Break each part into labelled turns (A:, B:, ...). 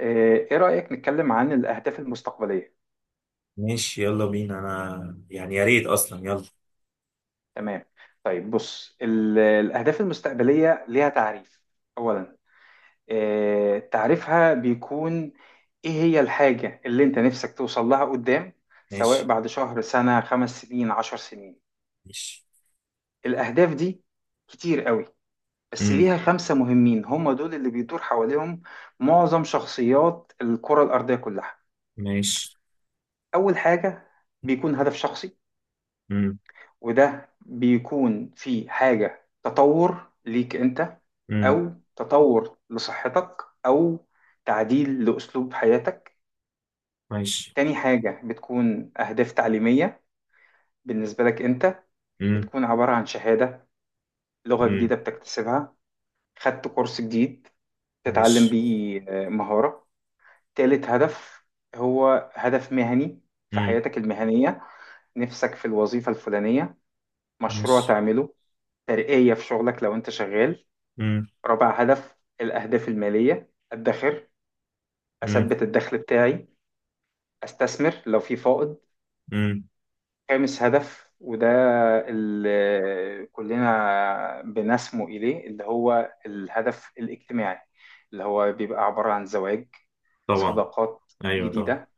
A: ايه رأيك نتكلم عن الأهداف المستقبلية؟
B: ماشي، يلا بينا. انا يعني يا ريت اصلا يلا.
A: تمام. طيب بص، الأهداف المستقبلية ليها تعريف. أولا، إيه تعريفها؟ بيكون ايه هي الحاجة اللي انت نفسك توصل لها قدام، سواء
B: ماشي.
A: بعد شهر، سنة، 5 سنين، 10 سنين.
B: ماشي.
A: الأهداف دي كتير قوي، بس
B: امم.
A: ليها خمسة مهمين، هم دول اللي بيدور حواليهم معظم شخصيات الكرة الأرضية كلها.
B: ماشي.
A: أول حاجة بيكون هدف شخصي،
B: امم.
A: وده بيكون في حاجة تطور ليك انت،
B: امم.
A: او تطور لصحتك، او تعديل لأسلوب حياتك.
B: ماشي.
A: تاني حاجة بتكون أهداف تعليمية بالنسبة لك انت،
B: امم.
A: بتكون عبارة عن شهادة، لغة
B: امم.
A: جديدة بتكتسبها، خدت كورس جديد تتعلم
B: ماشي.
A: بيه مهارة. تالت هدف هو هدف مهني في
B: امم.
A: حياتك المهنية، نفسك في الوظيفة الفلانية، مشروع
B: ماشي.
A: تعمله، ترقية في شغلك لو انت شغال.
B: امم.
A: رابع هدف الأهداف المالية، أدخر،
B: امم.
A: أثبت الدخل بتاعي، أستثمر لو في فائض.
B: امم.
A: خامس هدف وده اللي كلنا بنسمو إليه اللي هو الهدف الاجتماعي، اللي هو بيبقى عبارة عن زواج،
B: طبعا.
A: صداقات
B: ايوه طبعا.
A: جديدة،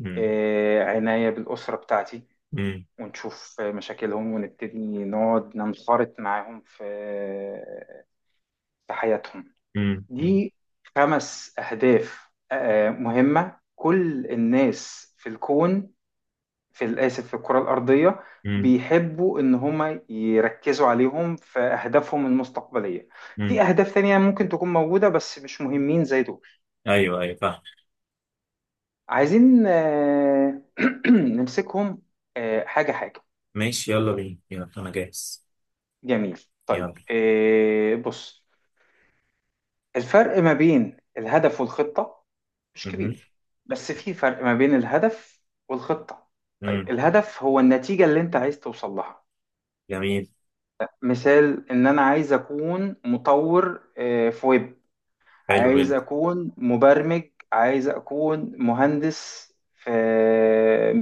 B: امم.
A: عناية بالأسرة بتاعتي،
B: امم.
A: ونشوف مشاكلهم ونبتدي نقعد ننخرط معاهم في حياتهم.
B: امم.
A: دي خمس أهداف مهمة كل الناس في الكون، في الآسف في الكرة الأرضية،
B: امم.
A: بيحبوا إن هما يركزوا عليهم في أهدافهم المستقبلية. في
B: امم.
A: أهداف تانية ممكن تكون موجودة بس مش مهمين زي دول.
B: ايوه ايوه فاهم.
A: عايزين نمسكهم حاجة حاجة.
B: ماشي يلا بينا، يلا انا جاهز.
A: جميل.
B: يلا.
A: طيب، بص، الفرق ما بين الهدف والخطة مش
B: امم.
A: كبير، بس في فرق ما بين الهدف والخطة.
B: امم.
A: الهدف هو النتيجة اللي انت عايز توصل لها.
B: جميل.
A: مثال، ان انا عايز اكون مطور في ويب،
B: حلو
A: عايز
B: جدا.
A: اكون مبرمج، عايز اكون مهندس في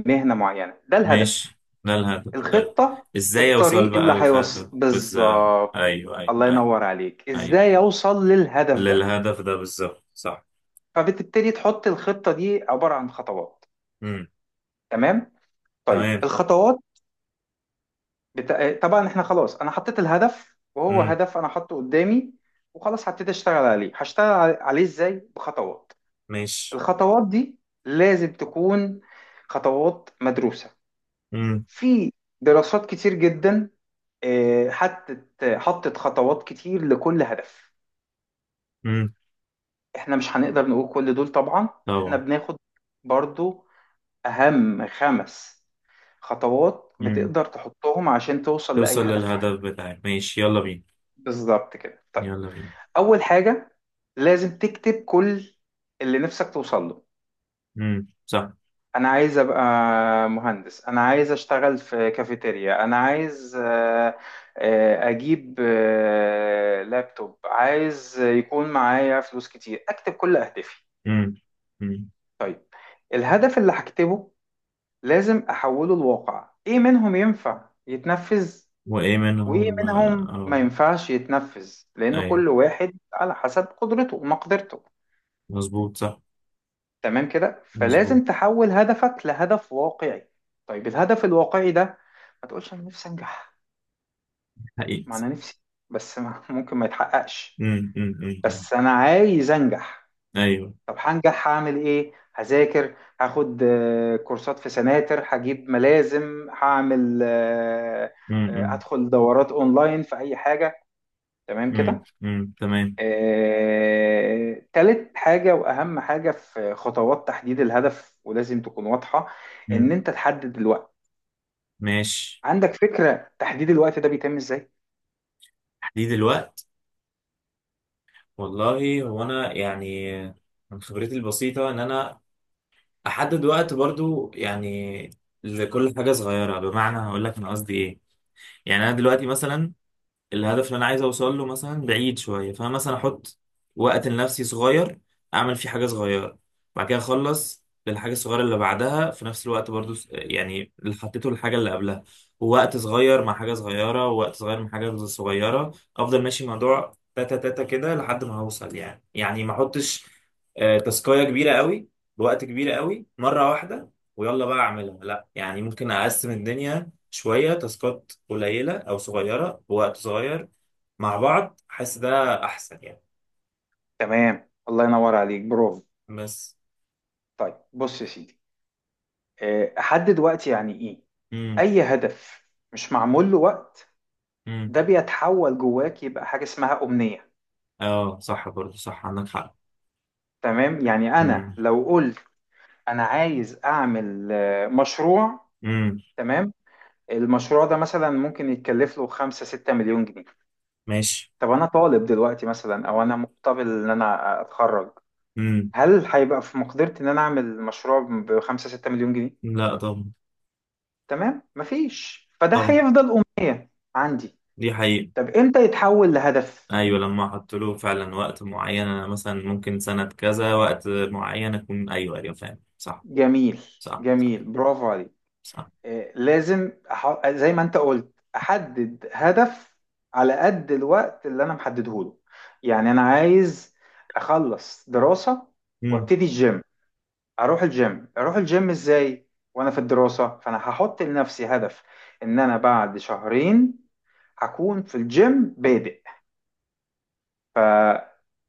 A: مهنة معينة. ده الهدف.
B: ماشي. ده الهدف.
A: الخطة
B: ازاي اوصل
A: الطريق
B: بقى
A: اللي هيوصل
B: الهدف بس؟
A: بالظبط.
B: ايوه ايوه
A: الله
B: ايوه
A: ينور عليك، ازاي
B: ايوه،
A: اوصل للهدف ده.
B: للهدف ده بالظبط، صح.
A: فبتبتدي تحط الخطة، دي عبارة عن خطوات.
B: امم.
A: تمام. طيب
B: تمام.
A: الخطوات، طبعا احنا خلاص انا حطيت الهدف وهو
B: امم.
A: هدف انا حاطه قدامي. وخلاص هبتدي اشتغل عليه، هشتغل عليه ازاي، بخطوات.
B: ماشي.
A: الخطوات دي لازم تكون خطوات مدروسة.
B: امم.
A: في دراسات كتير جدا، حطت خطوات كتير لكل هدف.
B: امم.
A: احنا مش هنقدر نقول كل دول طبعا. احنا
B: طبعا.
A: بناخد برضو اهم خمس خطوات
B: امم.
A: بتقدر تحطهم عشان توصل لأي
B: توصل
A: هدف في
B: للهدف
A: حياتك.
B: بتاعك، ماشي يلا بينا.
A: بالظبط كده. طيب،
B: يلا بينا.
A: اول حاجه لازم تكتب كل اللي نفسك توصل له.
B: صح.
A: انا عايز ابقى مهندس، انا عايز اشتغل في كافيتيريا، انا عايز اجيب لابتوب، عايز يكون معايا فلوس كتير. اكتب كل اهدافي.
B: امم. امم.
A: طيب الهدف اللي هكتبه لازم احوله لواقع، ايه منهم ينفع يتنفذ
B: وايه
A: وايه
B: منهم
A: منهم ما ينفعش يتنفذ، لان
B: ايوه
A: كل واحد على حسب قدرته ومقدرته.
B: مظبوط صح.
A: تمام كده.
B: مظبوط.
A: فلازم تحول هدفك لهدف واقعي. طيب الهدف الواقعي ده، ما تقولش انا نفسي انجح. ما
B: حقيقي.
A: انا نفسي، بس ما ممكن ما يتحققش.
B: امم. امم. أمم.
A: بس انا عايز انجح.
B: ايوه.
A: طب هنجح هعمل ايه؟ هذاكر، هاخد كورسات في سناتر، هجيب ملازم، هعمل
B: امم. امم.
A: هدخل دورات اونلاين في اي حاجة. تمام كده.
B: أمم. تمام.
A: تالت حاجة وأهم حاجة في خطوات تحديد الهدف، ولازم تكون واضحة، إن
B: امم.
A: أنت تحدد الوقت.
B: ماشي.
A: عندك فكرة تحديد الوقت ده بيتم إزاي؟
B: تحديد الوقت. والله هو انا يعني من خبرتي البسيطة إن أنا احدد وقت برضو يعني لكل حاجه صغيره. بمعنى هقول لك انا قصدي ايه. يعني انا دلوقتي مثلا الهدف اللي انا عايز اوصل له مثلا بعيد شويه، فانا مثلا احط وقت لنفسي صغير اعمل فيه حاجه صغيره. بعد كده اخلص للحاجه الصغيره اللي بعدها في نفس الوقت برضو يعني اللي حطيته للحاجه اللي قبلها. ووقت صغير مع حاجه صغيره، ووقت صغير مع حاجه صغيره، افضل ماشي موضوع تاتا تاتا كده لحد ما هوصل يعني. يعني ما احطش تاسكايه كبيره قوي بوقت كبير قوي مره واحده، ويلا بقى اعملها. لا يعني ممكن اقسم الدنيا شوية تاسكات قليلة أو صغيرة بوقت صغير مع بعض. حاسس ده أحسن يعني.
A: تمام الله ينور عليك، برافو.
B: بس.
A: طيب بص يا سيدي، أحدد وقت يعني إيه؟
B: امم.
A: أي هدف مش معمول له وقت
B: امم.
A: ده بيتحول جواك يبقى حاجة اسمها أمنية.
B: اه صح برضه، صح عندك حق.
A: تمام. يعني أنا
B: امم.
A: لو قلت أنا عايز أعمل مشروع،
B: امم.
A: تمام، المشروع ده مثلا ممكن يتكلف له 5 6 مليون جنيه.
B: ماشي.
A: طب انا طالب دلوقتي مثلا او انا مقتبل ان انا اتخرج،
B: امم.
A: هل هيبقى في مقدرتي ان انا اعمل مشروع ب 5 6 مليون جنيه؟
B: لا طبعا.
A: تمام، مفيش. فده
B: طبعا.
A: هيفضل أم عندي.
B: دي حقيقة.
A: طب امتى يتحول لهدف؟
B: أيوة، لما أحط له فعلا وقت معين. أنا مثلا ممكن سنة كذا وقت معين أكون، أيوة أيوة فاهم صح.
A: جميل
B: صح صح
A: جميل برافو عليك.
B: صح.
A: لازم زي ما انت قلت احدد هدف على قد الوقت اللي انا محدده له. يعني انا عايز اخلص دراسة
B: امم.
A: وابتدي الجيم، اروح الجيم. اروح الجيم ازاي وانا في الدراسة؟ فانا هحط لنفسي هدف ان انا بعد شهرين هكون في الجيم بادئ.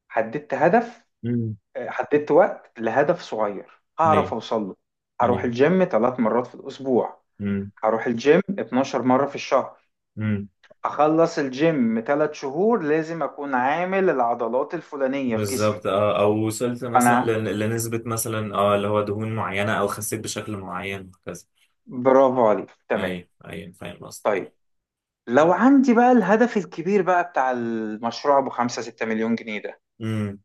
A: حددت هدف،
B: امم.
A: حددت وقت لهدف صغير هعرف
B: أيوة.
A: اوصل له. هروح
B: أيوة.
A: الجيم ثلاث مرات في الاسبوع، هروح الجيم 12 مرة في الشهر.
B: امم.
A: هخلص الجيم 3 شهور لازم اكون عامل العضلات الفلانية في جسمي
B: بالظبط اه، او وصلت مثلا
A: انا.
B: لنسبة مثلا اه اللي هو دهون معينة، او خسيت بشكل معين وهكذا.
A: برافو عليك تمام.
B: ايوه ايوه فاهم قصدك.
A: طيب لو عندي بقى الهدف الكبير بقى بتاع المشروع ابو 5 6 مليون جنيه ده،
B: امم.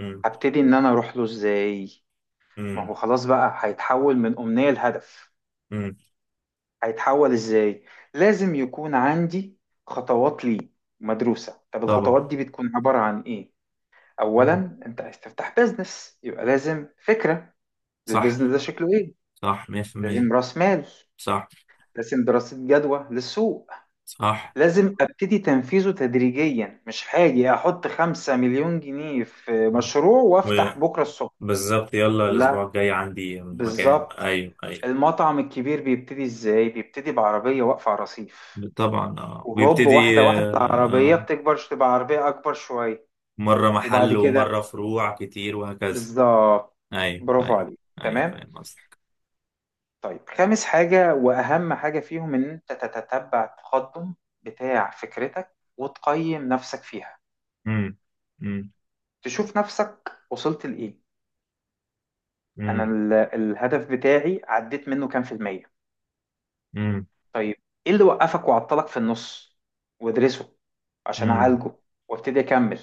B: امم.
A: هبتدي ان انا اروح له ازاي؟ ما
B: امم.
A: هو خلاص بقى هيتحول من امنية لهدف.
B: امم.
A: هيتحول ازاي؟ لازم يكون عندي خطوات ليه مدروسة. طب
B: طبعا.
A: الخطوات دي بتكون عبارة عن ايه؟
B: امم.
A: اولا، انت عايز تفتح بيزنس، يبقى لازم فكرة
B: صح.
A: للبيزنس ده، شكله ايه.
B: صح 100%
A: لازم راس مال،
B: صح.
A: لازم دراسة جدوى للسوق،
B: صح.
A: لازم ابتدي تنفيذه تدريجيا. مش هاجي احط 5 مليون جنيه في مشروع وافتح بكرة الصبح.
B: وبالظبط يلا الاسبوع
A: لا،
B: الجاي عندي مكان،
A: بالظبط.
B: ايوه ايوه.
A: المطعم الكبير بيبتدي ازاي؟ بيبتدي بعربية واقفة على رصيف،
B: طبعا اه
A: وهوب
B: ويبتدي.
A: واحدة واحدة العربية
B: آه
A: بتكبر تبقى عربية اكبر شوية.
B: مرة
A: وبعد
B: محل
A: كده
B: ومرة فروع كتير وهكذا.
A: بالظبط.
B: ايوه
A: برافو
B: ايوه
A: عليك
B: ايوه
A: تمام.
B: فاهم قصدك.
A: طيب خامس حاجة واهم حاجة فيهم، ان انت تتتبع التقدم بتاع فكرتك وتقيم نفسك فيها.
B: امم. امم.
A: تشوف نفسك وصلت لإيه. انا
B: امم.
A: الهدف بتاعي عديت منه كام في المية. طيب، ايه اللي وقفك وعطلك في النص، وادرسه عشان
B: امم.
A: اعالجه وابتدي اكمل.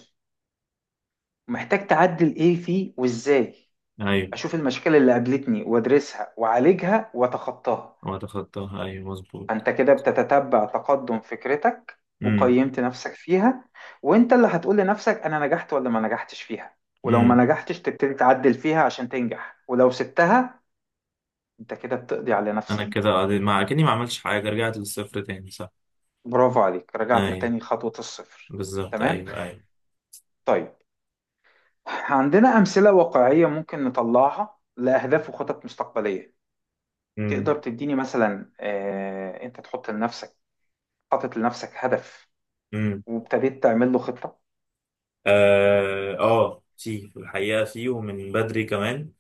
A: محتاج تعدل ايه فيه وازاي.
B: ايوه،
A: اشوف المشكلة اللي قابلتني وادرسها واعالجها واتخطاها.
B: هو تخطاها، ايوه مظبوط.
A: انت كده بتتتبع تقدم فكرتك
B: امم.
A: وقيمت نفسك فيها، وانت اللي هتقول لنفسك انا نجحت ولا ما نجحتش فيها. ولو ما
B: امم.
A: نجحتش تبتدي تعدل فيها عشان تنجح، ولو سبتها انت كده بتقضي على
B: انا
A: نفسك.
B: كده ما اكني ما عملتش حاجه، رجعت للصفر تاني صح.
A: برافو عليك، رجعت
B: ايوه.
A: لتاني خطوة الصفر.
B: بالظبط
A: تمام.
B: ايوه ايوه.
A: طيب، عندنا أمثلة واقعية ممكن نطلعها لأهداف وخطط مستقبلية.
B: امم.
A: تقدر تديني مثلا أنت تحط لنفسك، حاطط لنفسك هدف
B: امم.
A: وابتديت تعمل له خطة؟
B: في الحقيقه في، ومن بدري كمان.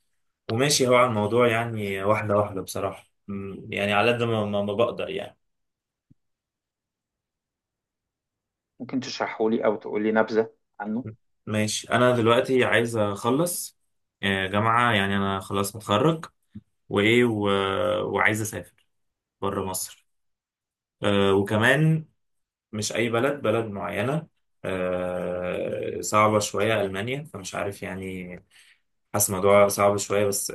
B: وماشي هو على الموضوع يعني، واحده واحده بصراحه. يعني على قد ما بقدر يعني.
A: ممكن تشرحه لي أو تقول لي نبذة عنه.
B: ماشي. انا دلوقتي عايز اخلص جامعة. يعني انا خلاص متخرج. وايه وعايز اسافر بره مصر. وكمان مش أي بلد، بلد معينة، صعبة شوية، ألمانيا. فمش عارف يعني، حاسس الموضوع صعب شوية، بس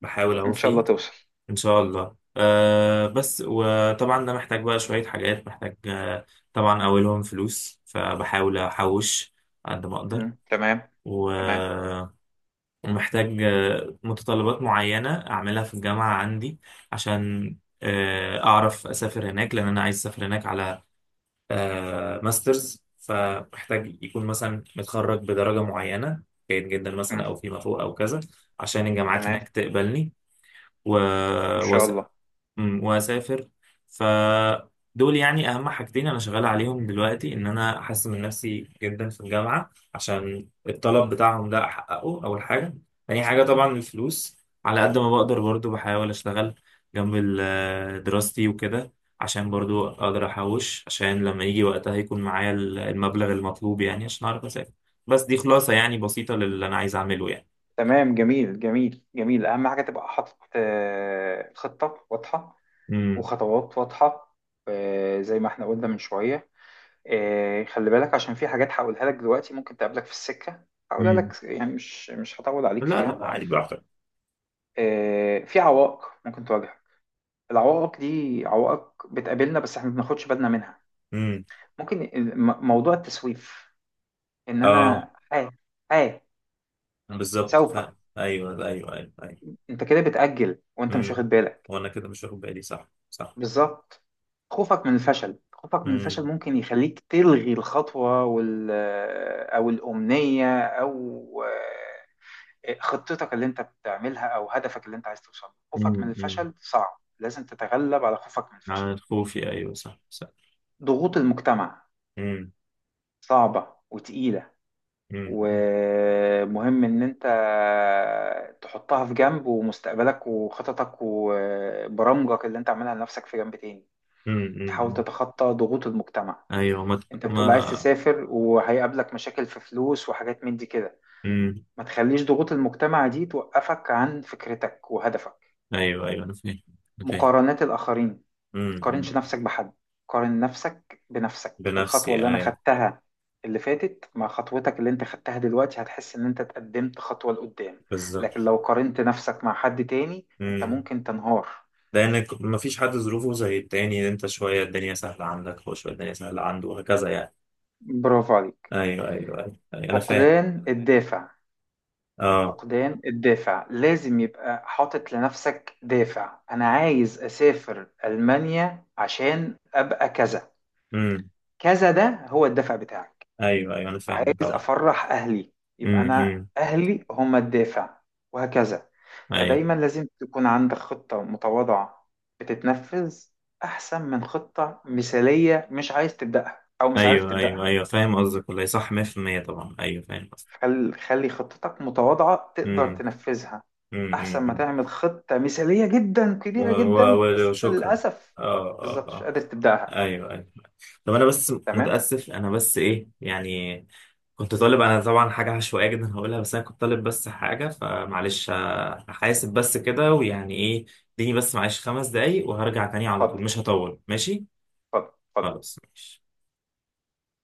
B: بحاول أهو
A: إن شاء الله
B: فيه.
A: توصل.
B: إن شاء الله. بس وطبعا ده محتاج بقى شوية حاجات. محتاج طبعا أولهم فلوس، فبحاول أحوش قد ما أقدر.
A: مم. تمام.
B: و-
A: تمام.
B: ومحتاج متطلبات معينة أعملها في الجامعة عندي عشان أعرف أسافر هناك، لأن أنا عايز أسافر هناك على ماسترز. فمحتاج يكون مثلا متخرج بدرجة معينة، جيد جدا مثلا
A: مم.
B: أو فيما فوق أو كذا، عشان الجامعات
A: تمام.
B: هناك تقبلني. و...
A: إن شاء الله.
B: واسافر. فدول يعني اهم حاجتين انا شغال عليهم دلوقتي، ان انا احسن من نفسي جدا في الجامعه عشان الطلب بتاعهم ده احققه، اول حاجه. تاني حاجه طبعا الفلوس، على قد ما بقدر برضو بحاول اشتغل جنب دراستي وكده، عشان برضو اقدر احوش، عشان لما يجي وقتها يكون معايا المبلغ المطلوب يعني، عشان اعرف اسافر. بس دي خلاصه يعني بسيطه للي انا عايز اعمله يعني.
A: تمام، جميل جميل جميل. أهم حاجة تبقى حاطط خطة واضحة
B: امم.
A: وخطوات واضحة. زي ما احنا قلنا من شوية. خلي بالك عشان في حاجات هقولها لك دلوقتي ممكن تقابلك في السكة. هقولها
B: امم.
A: لك يعني مش هطول
B: لا
A: عليك فيها.
B: لا، عادي براحتك.
A: في عوائق ممكن تواجهك. العوائق دي عوائق بتقابلنا بس احنا ما بناخدش بالنا منها.
B: امم.
A: ممكن موضوع التسويف، ان
B: اه
A: انا اه
B: بالظبط
A: سوف،
B: ايوه ايوه ايوه ايوه.
A: انت كده بتأجل وانت مش
B: امم.
A: واخد بالك.
B: وانا كده مش واخد بالي، صح صح.
A: بالظبط. خوفك من الفشل، خوفك من الفشل
B: امم.
A: ممكن يخليك تلغي الخطوة وال، أو الأمنية، أو خطتك اللي أنت بتعملها، أو هدفك اللي أنت عايز توصل له. خوفك من
B: أمم.
A: الفشل صعب، لازم تتغلب على خوفك من الفشل.
B: على الخوفي، ايوه صح صح.
A: ضغوط المجتمع
B: امم.
A: صعبة وتقيلة،
B: امم.
A: ومهم إن أنت تحطها في جنب، ومستقبلك وخططك وبرامجك اللي أنت عاملها لنفسك في جنب تاني. تحاول
B: أمم.
A: تتخطى ضغوط المجتمع.
B: ايوه ما
A: انت بتقول عايز
B: ما
A: تسافر وهيقابلك مشاكل في فلوس وحاجات من دي كده،
B: امم.
A: ما تخليش ضغوط المجتمع دي توقفك عن فكرتك وهدفك.
B: ايوه ايوه انا فاهم. انا فاهم.
A: مقارنات الآخرين، ما
B: أمم.
A: تقارنش نفسك بحد، قارن نفسك بنفسك. الخطوة
B: بنفسي
A: اللي انا
B: ايوه.
A: خدتها اللي فاتت مع خطوتك اللي انت خدتها دلوقتي، هتحس ان انت اتقدمت خطوة لقدام.
B: بالظبط.
A: لكن لو قارنت نفسك مع حد تاني، انت
B: امم.
A: ممكن تنهار.
B: لانك ما فيش حد ظروفه زي التاني، انت شويه الدنيا سهله عندك، هو شويه الدنيا سهله عنده وهكذا يعني.
A: برافو عليك.
B: ايوه ايوه ايوه، أيوة انا فاهم.
A: فقدان الدافع،
B: اه.
A: فقدان الدافع لازم يبقى حاطط لنفسك دافع. انا عايز اسافر المانيا عشان ابقى كذا
B: امم.
A: كذا، ده هو الدافع بتاعك.
B: ايوه ايوه انا فاهم
A: عايز
B: طبعا.
A: افرح اهلي، يبقى انا
B: امم.
A: اهلي هم الدافع. وهكذا.
B: ايوه
A: فدايما لازم تكون عندك خطة متواضعة بتتنفذ، احسن من خطة مثالية مش عايز تبدأها او مش عارف
B: ايوه
A: تبدأها.
B: ايوه ايوه فاهم قصدك، والله صح 100% طبعا. ايوه فاهم قصدك.
A: خلي خطتك متواضعة تقدر
B: امم.
A: تنفذها،
B: أمم.
A: أحسن ما
B: امم.
A: تعمل خطة مثالية جدا
B: و-
A: كبيرة جدا بس أنت
B: وشكرا.
A: للأسف
B: اه
A: بالظبط
B: اه
A: مش
B: اه.
A: قادر تبدأها.
B: ايوه ايوه. طب انا بس
A: تمام؟
B: متاسف، انا بس ايه يعني. كنت طالب انا طبعا حاجه عشوائيه جدا هقولها، بس انا كنت طالب بس حاجه، فمعلش هحاسب بس كده ويعني ايه. اديني بس معلش 5 دقايق وهرجع تاني على طول،
A: اتفضل،
B: مش هطول ماشي.
A: اتفضل اتفضل.
B: خلاص ماشي.